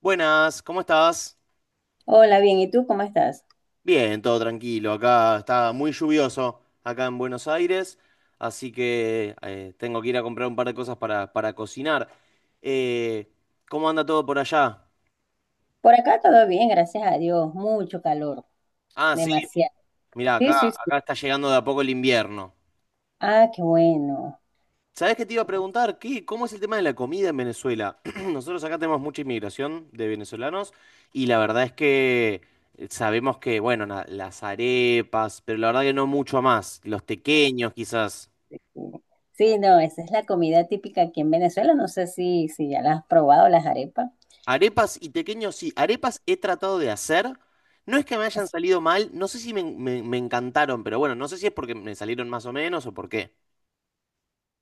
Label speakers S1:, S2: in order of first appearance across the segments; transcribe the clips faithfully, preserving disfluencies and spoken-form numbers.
S1: Buenas, ¿cómo estás?
S2: Hola, bien, ¿y tú cómo estás?
S1: Bien, todo tranquilo. Acá está muy lluvioso, acá en Buenos Aires, así que eh, tengo que ir a comprar un par de cosas para, para cocinar. Eh, ¿Cómo anda todo por allá?
S2: Por acá todo bien, gracias a Dios. Mucho calor,
S1: Ah, sí,
S2: demasiado.
S1: mirá,
S2: Sí,
S1: acá,
S2: sí, sí.
S1: acá está llegando de a poco el invierno.
S2: Ah, qué bueno.
S1: ¿Sabés qué te iba a preguntar? ¿Qué, cómo es el tema de la comida en Venezuela? Nosotros acá tenemos mucha inmigración de venezolanos y la verdad es que eh, sabemos que, bueno, na- las arepas, pero la verdad que no mucho más, los tequeños quizás.
S2: Sí, no, esa es la comida típica aquí en Venezuela. No sé si, si ya la has probado, las arepas.
S1: Arepas y tequeños sí, arepas he tratado de hacer. No es que me hayan
S2: Es-
S1: salido mal, no sé si me, me- me encantaron, pero bueno, no sé si es porque me salieron más o menos o por qué.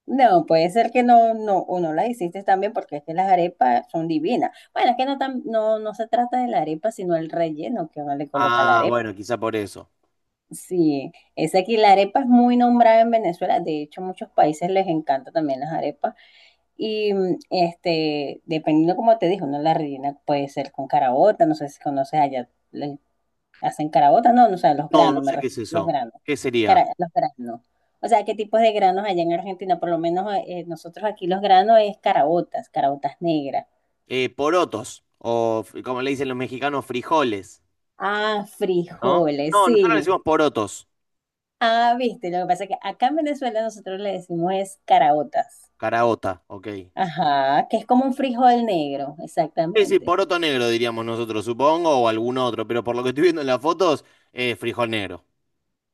S2: No, puede ser que no, no, o no las hiciste también, porque es que las arepas son divinas. Bueno, es que no, tan- no, no se trata de la arepa, sino el relleno que uno le coloca a la
S1: Ah,
S2: arepa.
S1: bueno, quizá por eso.
S2: Sí, es aquí la arepa es muy nombrada en Venezuela. De hecho, muchos países les encanta también las arepas. Y mm, este, dependiendo como te dijo, ¿no? La rellena puede ser con carabota, no sé si conoces allá, le hacen carabota, no, no, o sea, los
S1: No, no
S2: granos, me
S1: sé qué
S2: refiero,
S1: es
S2: los
S1: eso.
S2: granos,
S1: ¿Qué sería?
S2: cara- los granos. O sea, ¿qué tipos de granos allá en Argentina? Por lo menos eh, eh, nosotros aquí los granos es caraotas caraotas negras.
S1: Eh, porotos, o f- como le dicen los mexicanos, frijoles,
S2: Ah,
S1: ¿no?
S2: frijoles,
S1: No, nosotros le
S2: sí.
S1: decimos porotos,
S2: Ah, viste, lo que pasa es que acá en Venezuela nosotros le decimos es caraotas.
S1: caraota, ok.
S2: Ajá, que es como un frijol negro,
S1: Sí, sí,
S2: exactamente.
S1: poroto negro diríamos nosotros, supongo, o algún otro, pero por lo que estoy viendo en las fotos, eh, frijol negro.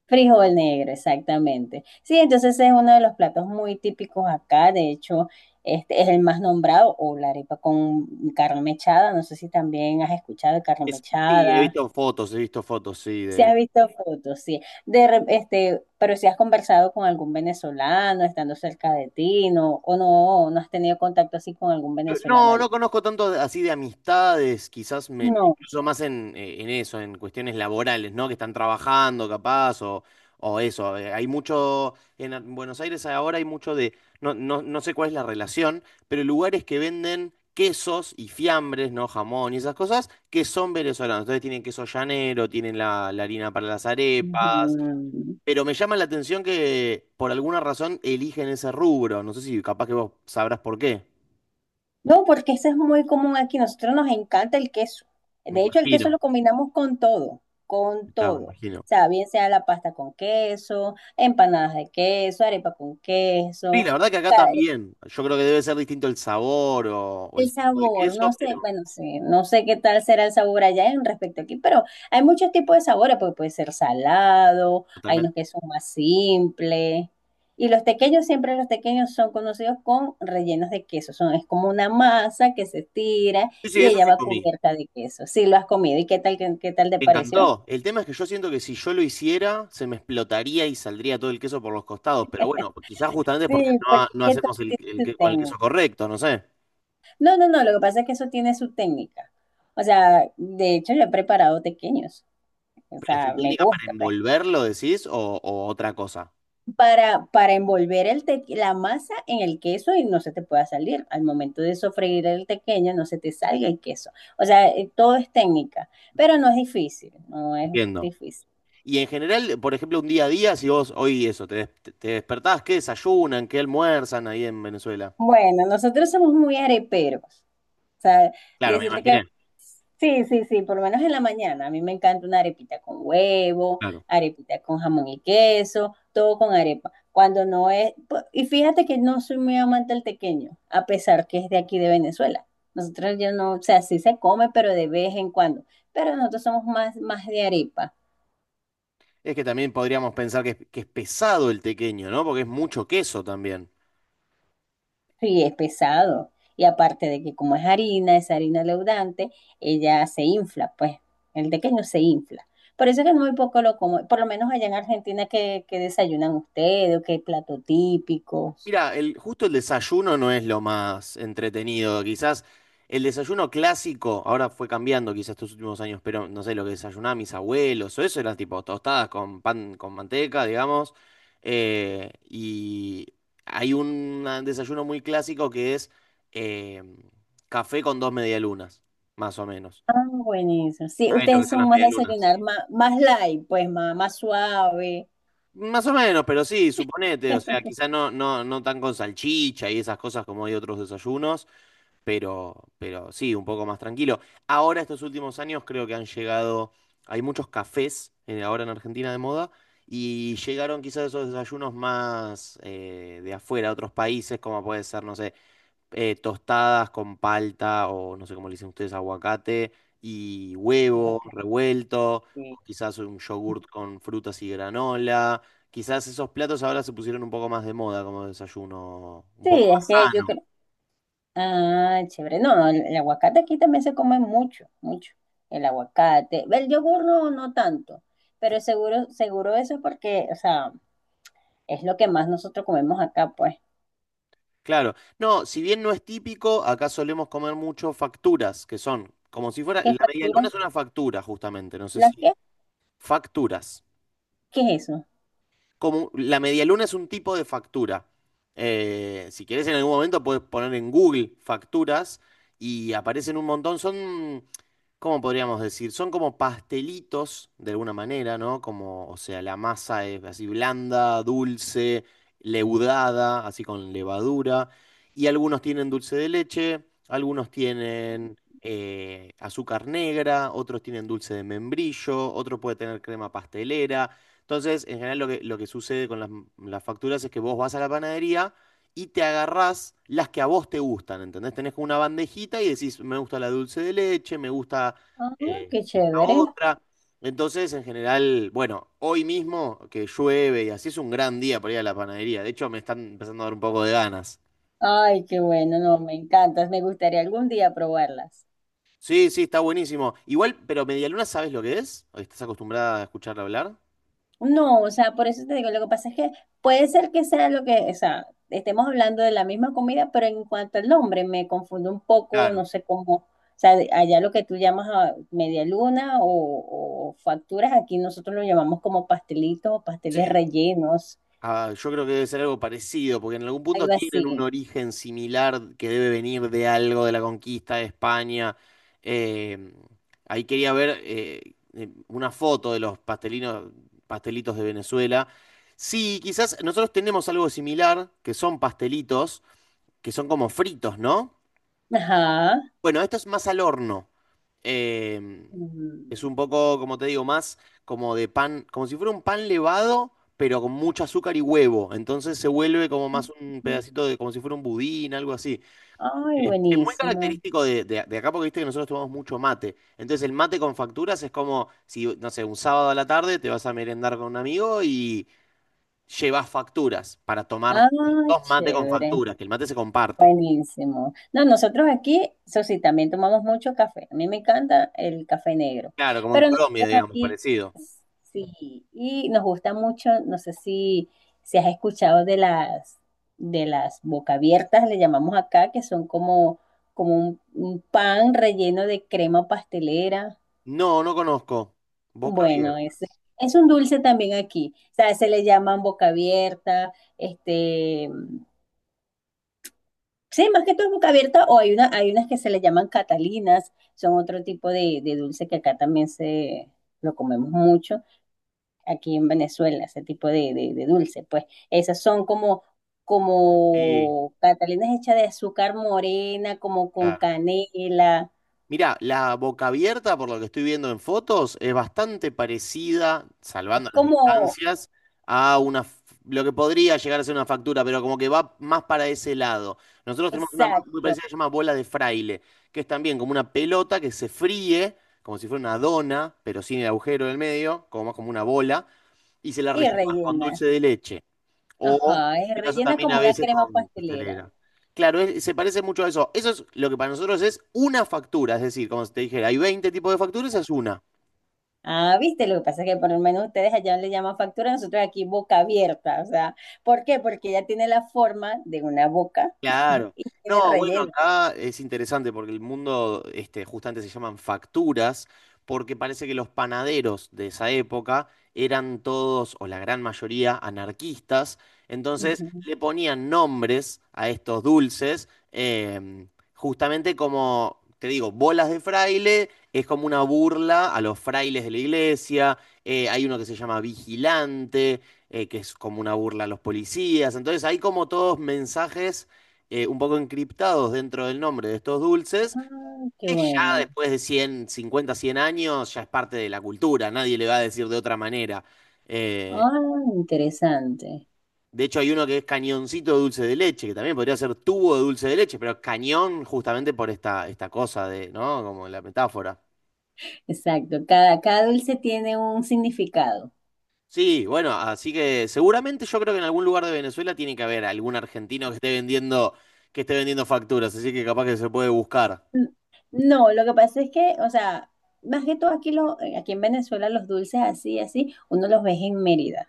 S2: Frijol negro, exactamente. Sí, entonces es uno de los platos muy típicos acá. De hecho, este es el más nombrado, o la arepa con carne mechada, no sé si también has escuchado de carne
S1: Es- sí, he
S2: mechada,
S1: visto fotos, he visto fotos, sí,
S2: si
S1: de...
S2: has visto fotos, sí, de, re- este, pero si has conversado con algún venezolano estando cerca de ti, no, o no, no has tenido contacto así con algún venezolano
S1: No,
S2: allá.
S1: no conozco tanto de- así de amistades, quizás me, me
S2: No.
S1: cruzo más en, eh, en eso, en cuestiones laborales, ¿no? Que están trabajando capaz o, o eso. eh, Hay mucho, en a- Buenos Aires ahora hay mucho de, no, no, no sé cuál es la relación, pero lugares que venden quesos y fiambres, ¿no? Jamón y esas cosas, que son venezolanos. Entonces tienen queso llanero, tienen la, la harina para las arepas,
S2: Ujú.
S1: pero me llama la atención que por alguna razón eligen ese rubro. No sé si capaz que vos sabrás por qué,
S2: No, porque ese es muy común aquí. Nosotros nos encanta el queso.
S1: me
S2: De hecho, el queso
S1: imagino.
S2: lo combinamos con todo, con
S1: Claro, me
S2: todo. O
S1: imagino.
S2: sea, bien sea la pasta con queso, empanadas de queso, arepa con
S1: Sí, la
S2: queso,
S1: verdad que acá también. Yo creo que debe ser distinto el sabor o, o
S2: el
S1: el tipo de
S2: sabor, no
S1: queso,
S2: sé,
S1: pero
S2: bueno, sí, no sé qué tal será el sabor allá en respecto aquí, pero hay muchos tipos de sabores, porque puede ser salado, hay
S1: totalmente.
S2: unos que son más simples. Y los tequeños, siempre los tequeños son conocidos con rellenos de queso. Son, es como una masa que se tira
S1: Sí, sí,
S2: y
S1: eso
S2: ella
S1: sí
S2: va
S1: comí.
S2: cubierta de queso. Sí, lo has comido. ¿Y qué tal, qué, qué tal te
S1: Me
S2: pareció?
S1: encantó. El tema es que yo siento que si yo lo hiciera, se me explotaría y saldría todo el queso por los costados. Pero bueno, quizás justamente porque
S2: Sí,
S1: no,
S2: porque
S1: ha-
S2: es
S1: no
S2: que todo
S1: hacemos el,
S2: tiene
S1: el
S2: su
S1: que- con el queso
S2: técnica.
S1: correcto, no sé.
S2: No, no, no, lo que pasa es que eso tiene su técnica. O sea, de hecho, yo he preparado tequeños. O
S1: Pero es tu
S2: sea, me
S1: técnica para
S2: gusta, pues.
S1: envolverlo, decís, o, o otra cosa.
S2: Para, para envolver el te- la masa en el queso y no se te pueda salir. Al momento de sofreír el tequeño, no se te salga el queso. O sea, eh, todo es técnica, pero no es difícil, no es
S1: Entiendo.
S2: difícil.
S1: Y en general, por ejemplo, un día a día, si vos hoy eso, te, des- te despertás, ¿qué desayunan? ¿Qué almuerzan ahí en Venezuela?
S2: Bueno, nosotros somos muy areperos. O sea,
S1: Claro, me
S2: decirte que
S1: imaginé.
S2: sí, sí, sí, por lo menos en la mañana. A mí me encanta una arepita con huevo,
S1: Claro.
S2: arepita con jamón y queso, todo con arepa. Cuando no es, pu- y fíjate que no soy muy amante del tequeño, a pesar que es de aquí de Venezuela. Nosotros ya no, o sea, sí se come, pero de vez en cuando. Pero nosotros somos más, más de arepa.
S1: Es que también podríamos pensar que es, que es pesado el tequeño, ¿no? Porque es mucho queso también.
S2: Sí, es pesado. Y aparte de que como es harina, es harina leudante, ella se infla, pues el tequeño se infla. Por eso es que muy poco lo como. Por lo menos allá en Argentina, que desayunan ustedes, o qué plato típicos.
S1: Mira, el, justo el desayuno no es lo más entretenido. Quizás el desayuno clásico, ahora fue cambiando quizás estos últimos años, pero no sé, lo que desayunaban mis abuelos o eso eran tipo tostadas con pan, con manteca, digamos. Eh, y hay un desayuno muy clásico que es eh, café con dos medialunas, más o menos.
S2: Ah, buenísimo. Sí,
S1: ¿Sabes lo que
S2: ustedes
S1: son las
S2: son más
S1: medialunas?
S2: desayunar más, más light, pues más, más suave.
S1: Más o menos, pero sí, suponete, o sea, quizás no, no, no tan con salchicha y esas cosas como hay otros desayunos, pero, pero sí, un poco más tranquilo. Ahora, estos últimos años, creo que han llegado, hay muchos cafés en- ahora en Argentina de moda, y llegaron quizás esos desayunos más eh, de afuera, de otros países, como puede ser, no sé, eh, tostadas con palta o no sé cómo le dicen ustedes, aguacate y huevo
S2: Aguacate.
S1: revuelto,
S2: Sí,
S1: o quizás un yogurt con frutas y granola. Quizás esos platos ahora se pusieron un poco más de moda como desayuno, un poco
S2: es
S1: más
S2: que yo
S1: sano.
S2: creo. Ah, chévere. No, no, el, el aguacate aquí también se come mucho, mucho. El aguacate. El yogur no, no tanto, pero seguro, seguro eso es porque, o sea, es lo que más nosotros comemos acá, pues.
S1: Claro, no, si bien no es típico, acá solemos comer mucho facturas, que son como si fuera,
S2: ¿Qué
S1: la media
S2: factura?
S1: luna es una factura justamente, no sé
S2: ¿Las
S1: si
S2: qué?
S1: facturas.
S2: ¿Qué es eso?
S1: Como la medialuna es un tipo de factura. Eh, si querés en algún momento puedes poner en Google facturas y aparecen un montón. Son, ¿cómo podríamos decir? Son como pastelitos de alguna manera, ¿no? Como, o sea, la masa es así blanda, dulce, leudada, así con levadura. Y algunos tienen dulce de leche, algunos tienen eh, azúcar negra, otros tienen dulce de membrillo, otro puede tener crema pastelera. Entonces, en general lo que, lo que sucede con las, las facturas es que vos vas a la panadería y te agarrás las que a vos te gustan, ¿entendés? Tenés como una bandejita y decís, me gusta la dulce de leche, me gusta
S2: Ah,
S1: eh,
S2: qué
S1: esta
S2: chévere.
S1: otra. Entonces, en general, bueno, hoy mismo que llueve y así es un gran día para ir a la panadería. De hecho, me están empezando a dar un poco de ganas.
S2: Ay, qué bueno, no, me encantas. Me gustaría algún día probarlas.
S1: Sí, sí, está buenísimo. Igual, pero medialuna, ¿sabes lo que es? ¿Estás acostumbrada a escucharla hablar?
S2: No, o sea, por eso te digo, lo que pasa es que puede ser que sea lo que, o sea, estemos hablando de la misma comida, pero en cuanto al nombre me confundo un poco,
S1: Claro.
S2: no sé cómo, o sea, de- allá lo que tú llamas ah, media luna o, o facturas, aquí nosotros lo llamamos como pastelitos o pasteles
S1: Sí.
S2: rellenos,
S1: Ah, yo creo que debe ser algo parecido, porque en algún punto
S2: algo
S1: tienen un
S2: así.
S1: origen similar que debe venir de algo de la conquista de España. Eh, Ahí quería ver eh, eh, una foto de los pastelinos, pastelitos de Venezuela. Sí, quizás nosotros tenemos algo similar, que son pastelitos, que son como fritos, ¿no?
S2: Ajá.
S1: Bueno, esto es más al horno. Em,
S2: Mm.
S1: es un poco, como te digo, más como de pan, como si fuera un pan levado, pero con mucho azúcar y huevo. Entonces se vuelve como más un pedacito de, como si fuera un budín, algo así.
S2: Ay,
S1: Es, es muy
S2: buenísimo.
S1: característico de, de- de acá porque viste que nosotros tomamos mucho mate. Entonces el mate con facturas es como si, no sé, un sábado a la tarde te vas a merendar con un amigo y llevas facturas para tomar
S2: Ah,
S1: juntos mate con
S2: chévere.
S1: facturas, que el mate se comparte.
S2: Buenísimo. No, nosotros aquí, eso sí, también tomamos mucho café. A mí me encanta el café negro.
S1: Claro, como en
S2: Pero
S1: Colombia,
S2: nosotros
S1: digamos,
S2: aquí,
S1: parecido.
S2: sí, y nos gusta mucho, no sé si, si has escuchado de las, de las boca abiertas, le llamamos acá, que son como, como un, un pan relleno de crema pastelera.
S1: No, no conozco. Boca
S2: Bueno,
S1: abierta.
S2: es, es un dulce también aquí. O sea, se le llaman boca abierta, este. Sí, más que todo es boca abierta, o hay una, hay unas que se le llaman catalinas, son otro tipo de, de dulce que acá también se lo comemos mucho, aquí en Venezuela, ese tipo de, de, de dulce, pues esas son como,
S1: Sí,
S2: como catalinas hechas de azúcar morena, como con
S1: claro.
S2: canela,
S1: Mirá, la boca abierta, por lo que estoy viendo en fotos, es bastante parecida,
S2: es
S1: salvando las
S2: como,
S1: distancias, a una, f- lo que podría llegar a ser una factura, pero como que va más para ese lado. Nosotros tenemos una más muy
S2: exacto,
S1: parecida que se llama bola de fraile, que es también como una pelota que se fríe, como si fuera una dona, pero sin el agujero en el medio, como más como una bola, y se la
S2: y
S1: rellena con
S2: rellena,
S1: dulce de leche. O en
S2: ajá, es
S1: este caso
S2: rellena
S1: también a
S2: como una
S1: veces
S2: crema
S1: con
S2: pastelera.
S1: pastelera. Claro, es- se parece mucho a eso. Eso es lo que para nosotros es una factura, es decir, como si te dijera, hay veinte tipos de facturas, esa es una.
S2: Ah, viste, lo que pasa es que por lo menos ustedes allá le llaman factura, nosotros aquí boca abierta, o sea, ¿por qué? Porque ella tiene la forma de una boca,
S1: Claro.
S2: tiene el
S1: No, bueno,
S2: relleno.
S1: acá es interesante porque el mundo, este, justamente se llaman facturas, porque parece que los panaderos de esa época eran todos, o la gran mayoría, anarquistas. Entonces
S2: Ujú.
S1: le ponían nombres a estos dulces, em, justamente como, te digo, bolas de fraile, es como una burla a los frailes de la iglesia. eh, hay uno que se llama vigilante, eh, que es como una burla a los policías. Entonces hay como todos mensajes eh, un poco encriptados dentro del nombre de estos dulces,
S2: Ah, qué
S1: que ya
S2: bueno.
S1: después de cien cincuenta cien años ya es parte de la cultura, nadie le va a decir de otra manera. Eh,
S2: Ah, interesante.
S1: de hecho, hay uno que es cañoncito de dulce de leche, que también podría ser tubo de dulce de leche, pero cañón justamente por esta, esta cosa de, ¿no? Como la metáfora.
S2: Exacto, cada, cada dulce tiene un significado.
S1: Sí, bueno, así que seguramente yo creo que en algún lugar de Venezuela tiene que haber algún argentino que esté vendiendo, que esté vendiendo facturas, así que capaz que se puede buscar.
S2: N- No, lo que pasa es que, o sea, más que todo aquí, lo, eh, aquí en Venezuela los dulces así, así, uno los ve en Mérida.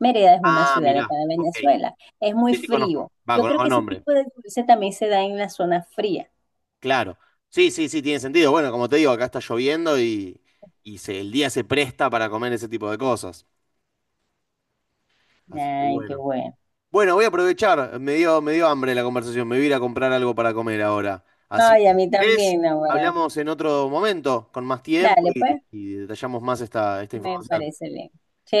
S2: Mérida es una
S1: Ah,
S2: ciudad de acá
S1: mirá,
S2: de
S1: ok.
S2: Venezuela. Es muy
S1: Sí, sí, conozco.
S2: frío.
S1: Va,
S2: Yo creo
S1: conozco el
S2: que ese
S1: nombre.
S2: tipo de dulce también se da en la zona fría.
S1: Claro, sí, sí, sí, tiene sentido. Bueno, como te digo, acá está lloviendo y, y se- el día se presta para comer ese tipo de cosas. Así que
S2: Ay, qué
S1: bueno.
S2: bueno.
S1: Bueno, voy a aprovechar. Me dio, me dio hambre la conversación. Me voy a ir a comprar algo para comer ahora. Así
S2: Ay,
S1: que,
S2: a
S1: si
S2: mí
S1: querés,
S2: también ahora.
S1: hablamos en otro momento, con más tiempo
S2: Dale,
S1: y,
S2: pues,
S1: y detallamos más esta, esta
S2: me
S1: información.
S2: parece bien.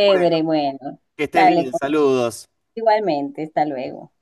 S1: Bueno,
S2: bueno.
S1: que estés
S2: Dale,
S1: bien.
S2: con-
S1: Saludos.
S2: igualmente, hasta luego.